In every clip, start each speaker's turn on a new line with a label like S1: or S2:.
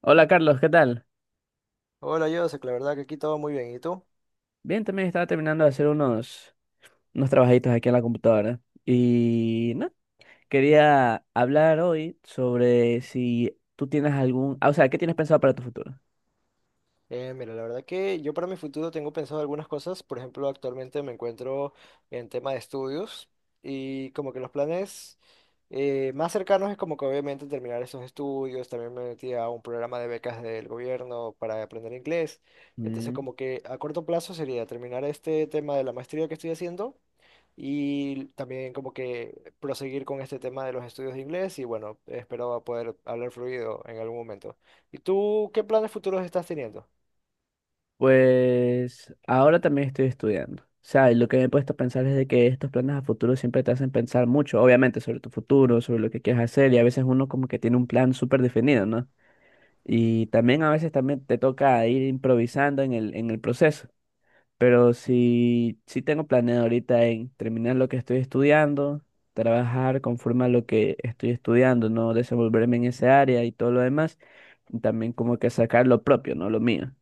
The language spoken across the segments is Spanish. S1: Hola Carlos, ¿qué tal?
S2: Hola, Joseph, la verdad que aquí todo muy bien. ¿Y tú?
S1: Bien, también estaba terminando de hacer unos trabajitos aquí en la computadora. Y no, quería hablar hoy sobre si tú tienes o sea, ¿qué tienes pensado para tu futuro?
S2: Mira, la verdad que yo para mi futuro tengo pensado algunas cosas. Por ejemplo, actualmente me encuentro en tema de estudios y como que los planes más cercanos es como que obviamente terminar esos estudios. También me metí a un programa de becas del gobierno para aprender inglés. Entonces
S1: Mm.
S2: como que a corto plazo sería terminar este tema de la maestría que estoy haciendo y también como que proseguir con este tema de los estudios de inglés y bueno, espero poder hablar fluido en algún momento. ¿Y tú qué planes futuros estás teniendo?
S1: Pues ahora también estoy estudiando. O sea, y lo que me he puesto a pensar es de que estos planes a futuro siempre te hacen pensar mucho, obviamente, sobre tu futuro, sobre lo que quieres hacer, y a veces uno como que tiene un plan súper definido, ¿no? Y también a veces también te toca ir improvisando en el proceso. Pero sí, sí tengo planeado ahorita en terminar lo que estoy estudiando, trabajar conforme a lo que estoy estudiando, no desenvolverme en esa área y todo lo demás. Y también como que sacar lo propio, no lo mío.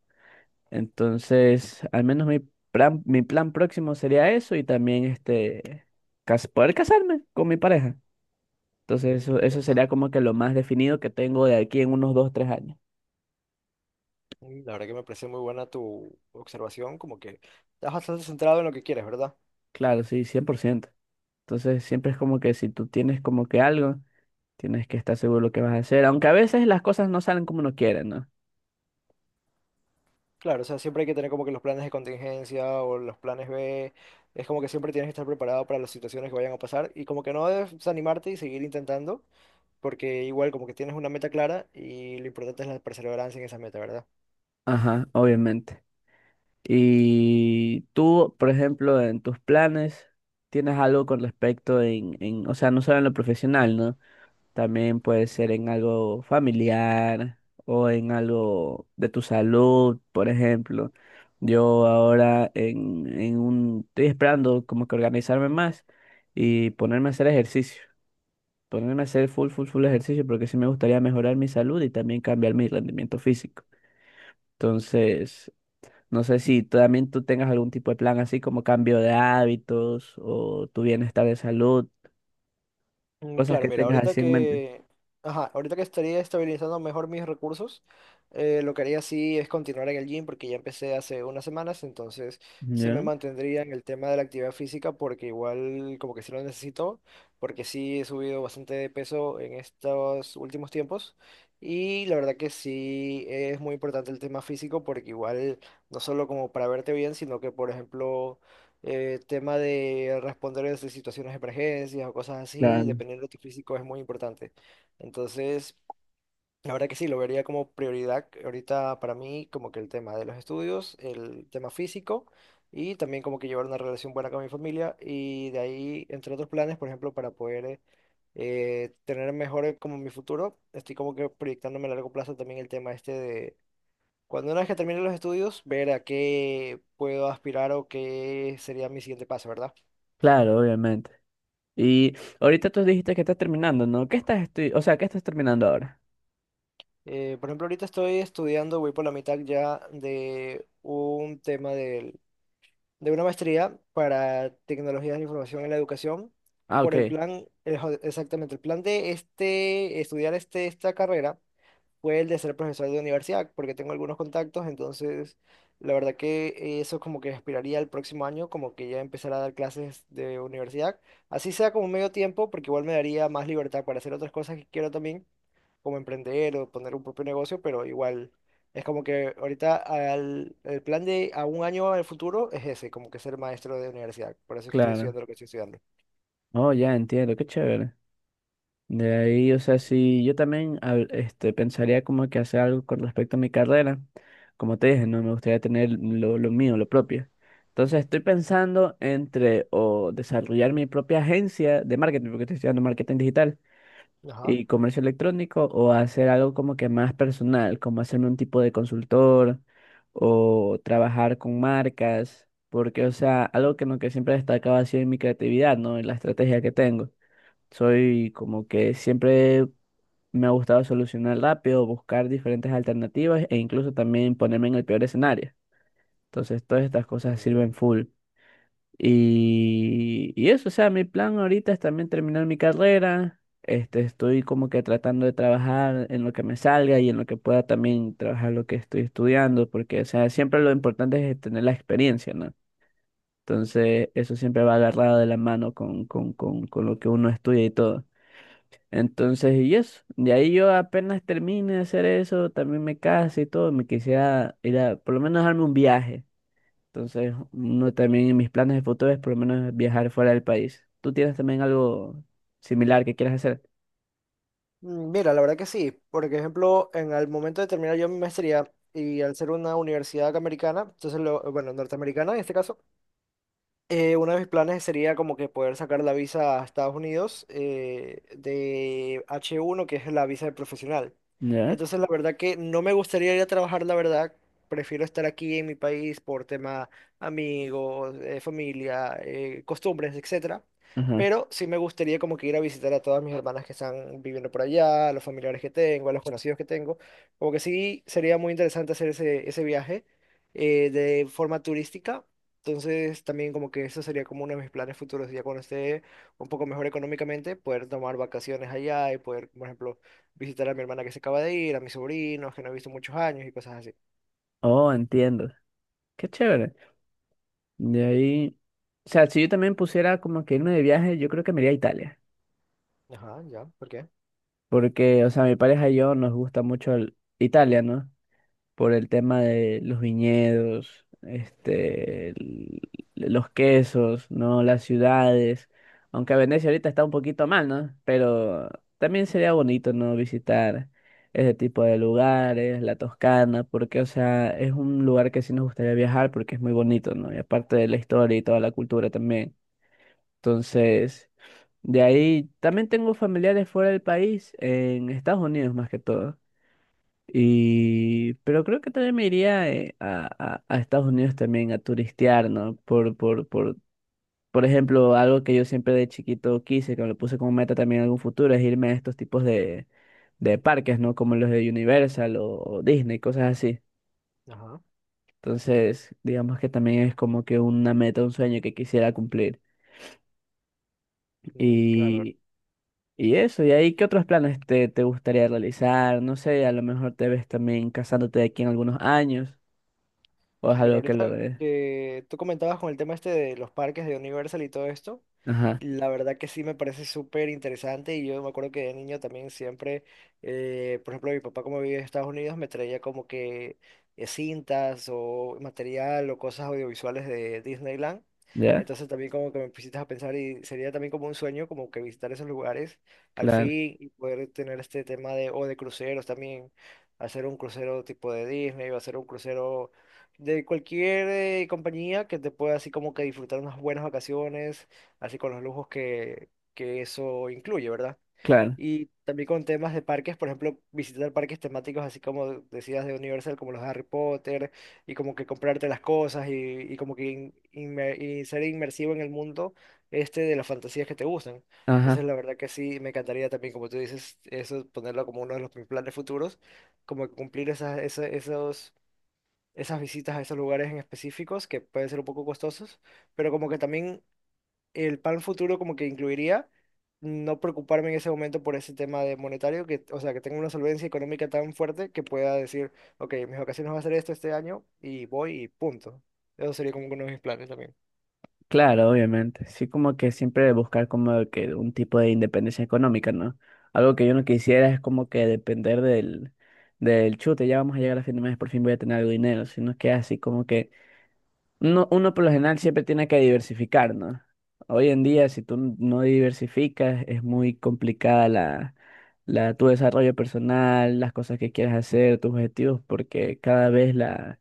S1: Entonces, al menos mi plan próximo sería eso y también este, poder casarme con mi pareja. Entonces,
S2: Mm,
S1: eso sería
S2: interesante.
S1: como que lo más definido que tengo de aquí en unos 2, 3 años.
S2: Mm, la verdad que me parece muy buena tu observación, como que estás bastante centrado en lo que quieres, ¿verdad?
S1: Claro, sí, 100%. Entonces, siempre es como que si tú tienes como que algo. Tienes que estar seguro de lo que vas a hacer, aunque a veces las cosas no salen como uno quiere, ¿no?
S2: Claro, o sea, siempre hay que tener como que los planes de contingencia o los planes B, es como que siempre tienes que estar preparado para las situaciones que vayan a pasar y como que no debes desanimarte y seguir intentando, porque igual como que tienes una meta clara y lo importante es la perseverancia en esa meta, ¿verdad?
S1: Ajá, obviamente. Y tú, por ejemplo, en tus planes, tienes algo con respecto o sea, no solo en lo profesional, ¿no? También puede ser en algo familiar o en algo de tu salud, por ejemplo. Yo ahora estoy esperando como que organizarme más y ponerme a hacer ejercicio. Ponerme a hacer full, full, full ejercicio porque sí me gustaría mejorar mi salud y también cambiar mi rendimiento físico. Entonces, no sé si tú también tú tengas algún tipo de plan así como cambio de hábitos o tu bienestar de salud,
S2: Mm,
S1: cosas
S2: claro,
S1: que
S2: mira,
S1: tengas
S2: ahorita
S1: así en mente.
S2: que, ajá, ahorita que estaría estabilizando mejor mis recursos, lo que haría sí es continuar en el gym porque ya empecé hace unas semanas, entonces sí me
S1: ¿Ya?
S2: mantendría en el tema de la actividad física porque igual como que sí lo necesito, porque sí he subido bastante de peso en estos últimos tiempos y la verdad que sí es muy importante el tema físico porque igual no solo como para verte bien, sino que por ejemplo tema de responder a esas situaciones de emergencias o cosas así,
S1: Claro.
S2: dependiendo de tu físico, es muy importante. Entonces, la verdad que sí, lo vería como prioridad ahorita para mí, como que el tema de los estudios, el tema físico y también como que llevar una relación buena con mi familia y de ahí, entre otros planes, por ejemplo, para poder tener mejor como mi futuro, estoy como que proyectándome a largo plazo también el tema este de cuando una vez que termine los estudios, ver a qué puedo aspirar o qué sería mi siguiente paso, ¿verdad?
S1: Claro, obviamente. Y ahorita tú dijiste que estás terminando, ¿no? ¿Qué estás estudiando? O sea, ¿qué estás terminando ahora?
S2: Por ejemplo, ahorita estoy estudiando, voy por la mitad ya de de una maestría para tecnologías de la información en la educación,
S1: Ah,
S2: por el
S1: ok,
S2: plan, exactamente, el plan de estudiar esta carrera fue el de ser profesor de universidad, porque tengo algunos contactos, entonces la verdad que eso como que aspiraría al próximo año, como que ya empezar a dar clases de universidad, así sea como medio tiempo, porque igual me daría más libertad para hacer otras cosas que quiero también, como emprender o poner un propio negocio, pero igual es como que el plan de a un año al futuro es ese, como que ser maestro de universidad, por eso es que estoy
S1: claro.
S2: estudiando lo que estoy estudiando.
S1: Oh, ya entiendo, qué chévere. De ahí, o sea, sí, yo también este, pensaría como que hacer algo con respecto a mi carrera. Como te dije, no me gustaría tener lo mío, lo propio. Entonces estoy pensando entre o desarrollar mi propia agencia de marketing, porque estoy estudiando marketing digital
S2: Ajá.
S1: y comercio electrónico, o hacer algo como que más personal, como hacerme un tipo de consultor o trabajar con marcas, porque, o sea, algo que, en lo que siempre he destacado ha sido en mi creatividad, ¿no? En la estrategia que tengo. Soy como que siempre me ha gustado solucionar rápido, buscar diferentes alternativas e incluso también ponerme en el peor escenario. Entonces, todas estas cosas sirven full. Y eso, o sea, mi plan ahorita es también terminar mi carrera. Este, estoy como que tratando de trabajar en lo que me salga y en lo que pueda también trabajar lo que estoy estudiando, porque, o sea, siempre lo importante es tener la experiencia, ¿no? Entonces, eso siempre va agarrado de la mano con lo que uno estudia y todo. Entonces, y eso. De ahí yo apenas termine de hacer eso, también me casé y todo, me quisiera ir a, por lo menos darme un viaje. Entonces, uno también en mis planes de futuro es por lo menos viajar fuera del país. ¿Tú tienes también algo similar que quieras hacer?
S2: Mm, mira, la verdad que sí. Por ejemplo, en el momento de terminar yo mi maestría y al ser una universidad americana, entonces, bueno, norteamericana en este caso, uno de mis planes sería como que poder sacar la visa a Estados Unidos, de H1, que es la visa de profesional.
S1: ¿Ya?
S2: Entonces, la verdad que no me gustaría ir a trabajar, la verdad. Prefiero estar aquí en mi país por tema amigos, familia, costumbres, etcétera.
S1: Ajá.
S2: Pero sí me gustaría como que ir a visitar a todas mis hermanas que están viviendo por allá, a los familiares que tengo, a los conocidos que tengo. Como que sí sería muy interesante hacer ese viaje de forma turística. Entonces, también como que eso sería como uno de mis planes futuros, ya cuando esté un poco mejor económicamente, poder tomar vacaciones allá y poder, por ejemplo, visitar a mi hermana que se acaba de ir, a mis sobrinos que no he visto muchos años y cosas así.
S1: Oh, entiendo. Qué chévere. De ahí, o sea, si yo también pusiera como que irme de viaje, yo creo que me iría a Italia.
S2: Ajá, ya, ¿por qué?
S1: Porque, o sea, mi pareja y yo nos gusta mucho el- Italia, ¿no? Por el tema de los viñedos, este, el- los quesos, ¿no? Las ciudades. Aunque Venecia ahorita está un poquito mal, ¿no? Pero también sería bonito, ¿no? Visitar ese tipo de lugares, la Toscana, porque, o sea, es un lugar que sí nos gustaría viajar porque es muy bonito, ¿no? Y aparte de la historia y toda la cultura también. Entonces, de ahí también tengo familiares fuera del país, en Estados Unidos más que todo. Y, pero creo que también me iría a Estados Unidos también a turistear, ¿no? Por ejemplo, algo que yo siempre de chiquito quise, que me lo puse como meta también en algún futuro, es irme a estos tipos de, parques, ¿no? Como los de Universal o Disney, cosas así.
S2: Ajá.
S1: Entonces, digamos que también es como que una meta, un sueño que quisiera cumplir.
S2: Mm, claro.
S1: Y, y eso, y ahí, ¿qué otros planes te gustaría realizar? No sé, a lo mejor te ves también casándote de aquí en algunos años, o es
S2: Sí, mira,
S1: algo que lo...
S2: ahorita que tú comentabas con el tema este de los parques de Universal y todo esto,
S1: Ajá,
S2: la verdad que sí me parece súper interesante y yo me acuerdo que de niño también siempre, por ejemplo, mi papá como vive en Estados Unidos me traía como que cintas o material o cosas audiovisuales de Disneyland.
S1: ya,
S2: Entonces también como que me pusiste a pensar y sería también como un sueño como que visitar esos lugares al
S1: claro,
S2: fin y poder tener este tema de, o de cruceros también, hacer un crucero tipo de Disney o hacer un crucero de cualquier compañía que te pueda así como que disfrutar unas buenas vacaciones, así con los lujos que eso incluye, ¿verdad?
S1: claro,
S2: Y también con temas de parques, por ejemplo, visitar parques temáticos así como decías de Universal, como los de Harry Potter, y como que comprarte las cosas y como que y ser inmersivo en el mundo este de las fantasías que te gustan. Entonces,
S1: ajá,
S2: la verdad que sí, me encantaría también, como tú dices, eso ponerlo como uno de los mis planes futuros, como que cumplir esas visitas a esos lugares en específicos que pueden ser un poco costosos, pero como que también el plan futuro como que incluiría no preocuparme en ese momento por ese tema de monetario, que, o sea, que tenga una solvencia económica tan fuerte que pueda decir, ok, mis vacaciones van a ser esto este año y voy y punto. Eso sería como uno de mis planes también.
S1: claro, obviamente. Sí, como que siempre buscar como que un tipo de independencia económica, ¿no? Algo que yo no quisiera es como que depender del chute, ya vamos a llegar a fin de mes, por fin voy a tener algo de dinero, sino que así como que uno por lo general siempre tiene que diversificar, ¿no? Hoy en día, si tú no diversificas, es muy complicada tu desarrollo personal, las cosas que quieres hacer, tus objetivos, porque cada vez la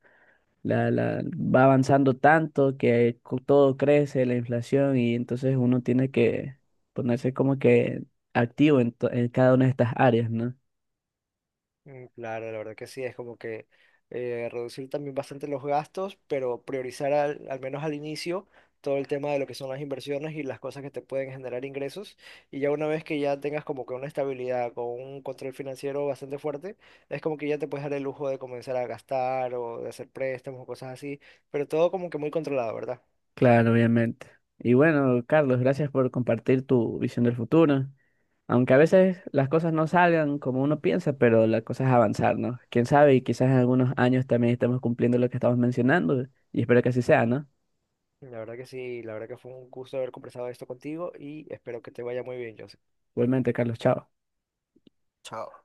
S1: La, la, va avanzando tanto que todo crece, la inflación, y entonces uno tiene que ponerse como que activo en cada una de estas áreas, ¿no?
S2: Mm, claro, la verdad que sí, es como que reducir también bastante los gastos, pero priorizar al menos al inicio todo el tema de lo que son las inversiones y las cosas que te pueden generar ingresos. Y ya una vez que ya tengas como que una estabilidad con un control financiero bastante fuerte, es como que ya te puedes dar el lujo de comenzar a gastar o de hacer préstamos o cosas así, pero todo como que muy controlado, ¿verdad?
S1: Claro, obviamente. Y bueno, Carlos, gracias por compartir tu visión del futuro. Aunque a veces las cosas no salgan como uno piensa, pero la cosa es avanzar, ¿no? Quién sabe, y quizás en algunos años también estemos cumpliendo lo que estamos mencionando, y espero que así sea, ¿no?
S2: La verdad que sí, la verdad que fue un gusto haber conversado esto contigo y espero que te vaya muy bien, Joseph.
S1: Igualmente, Carlos, chao.
S2: Chao.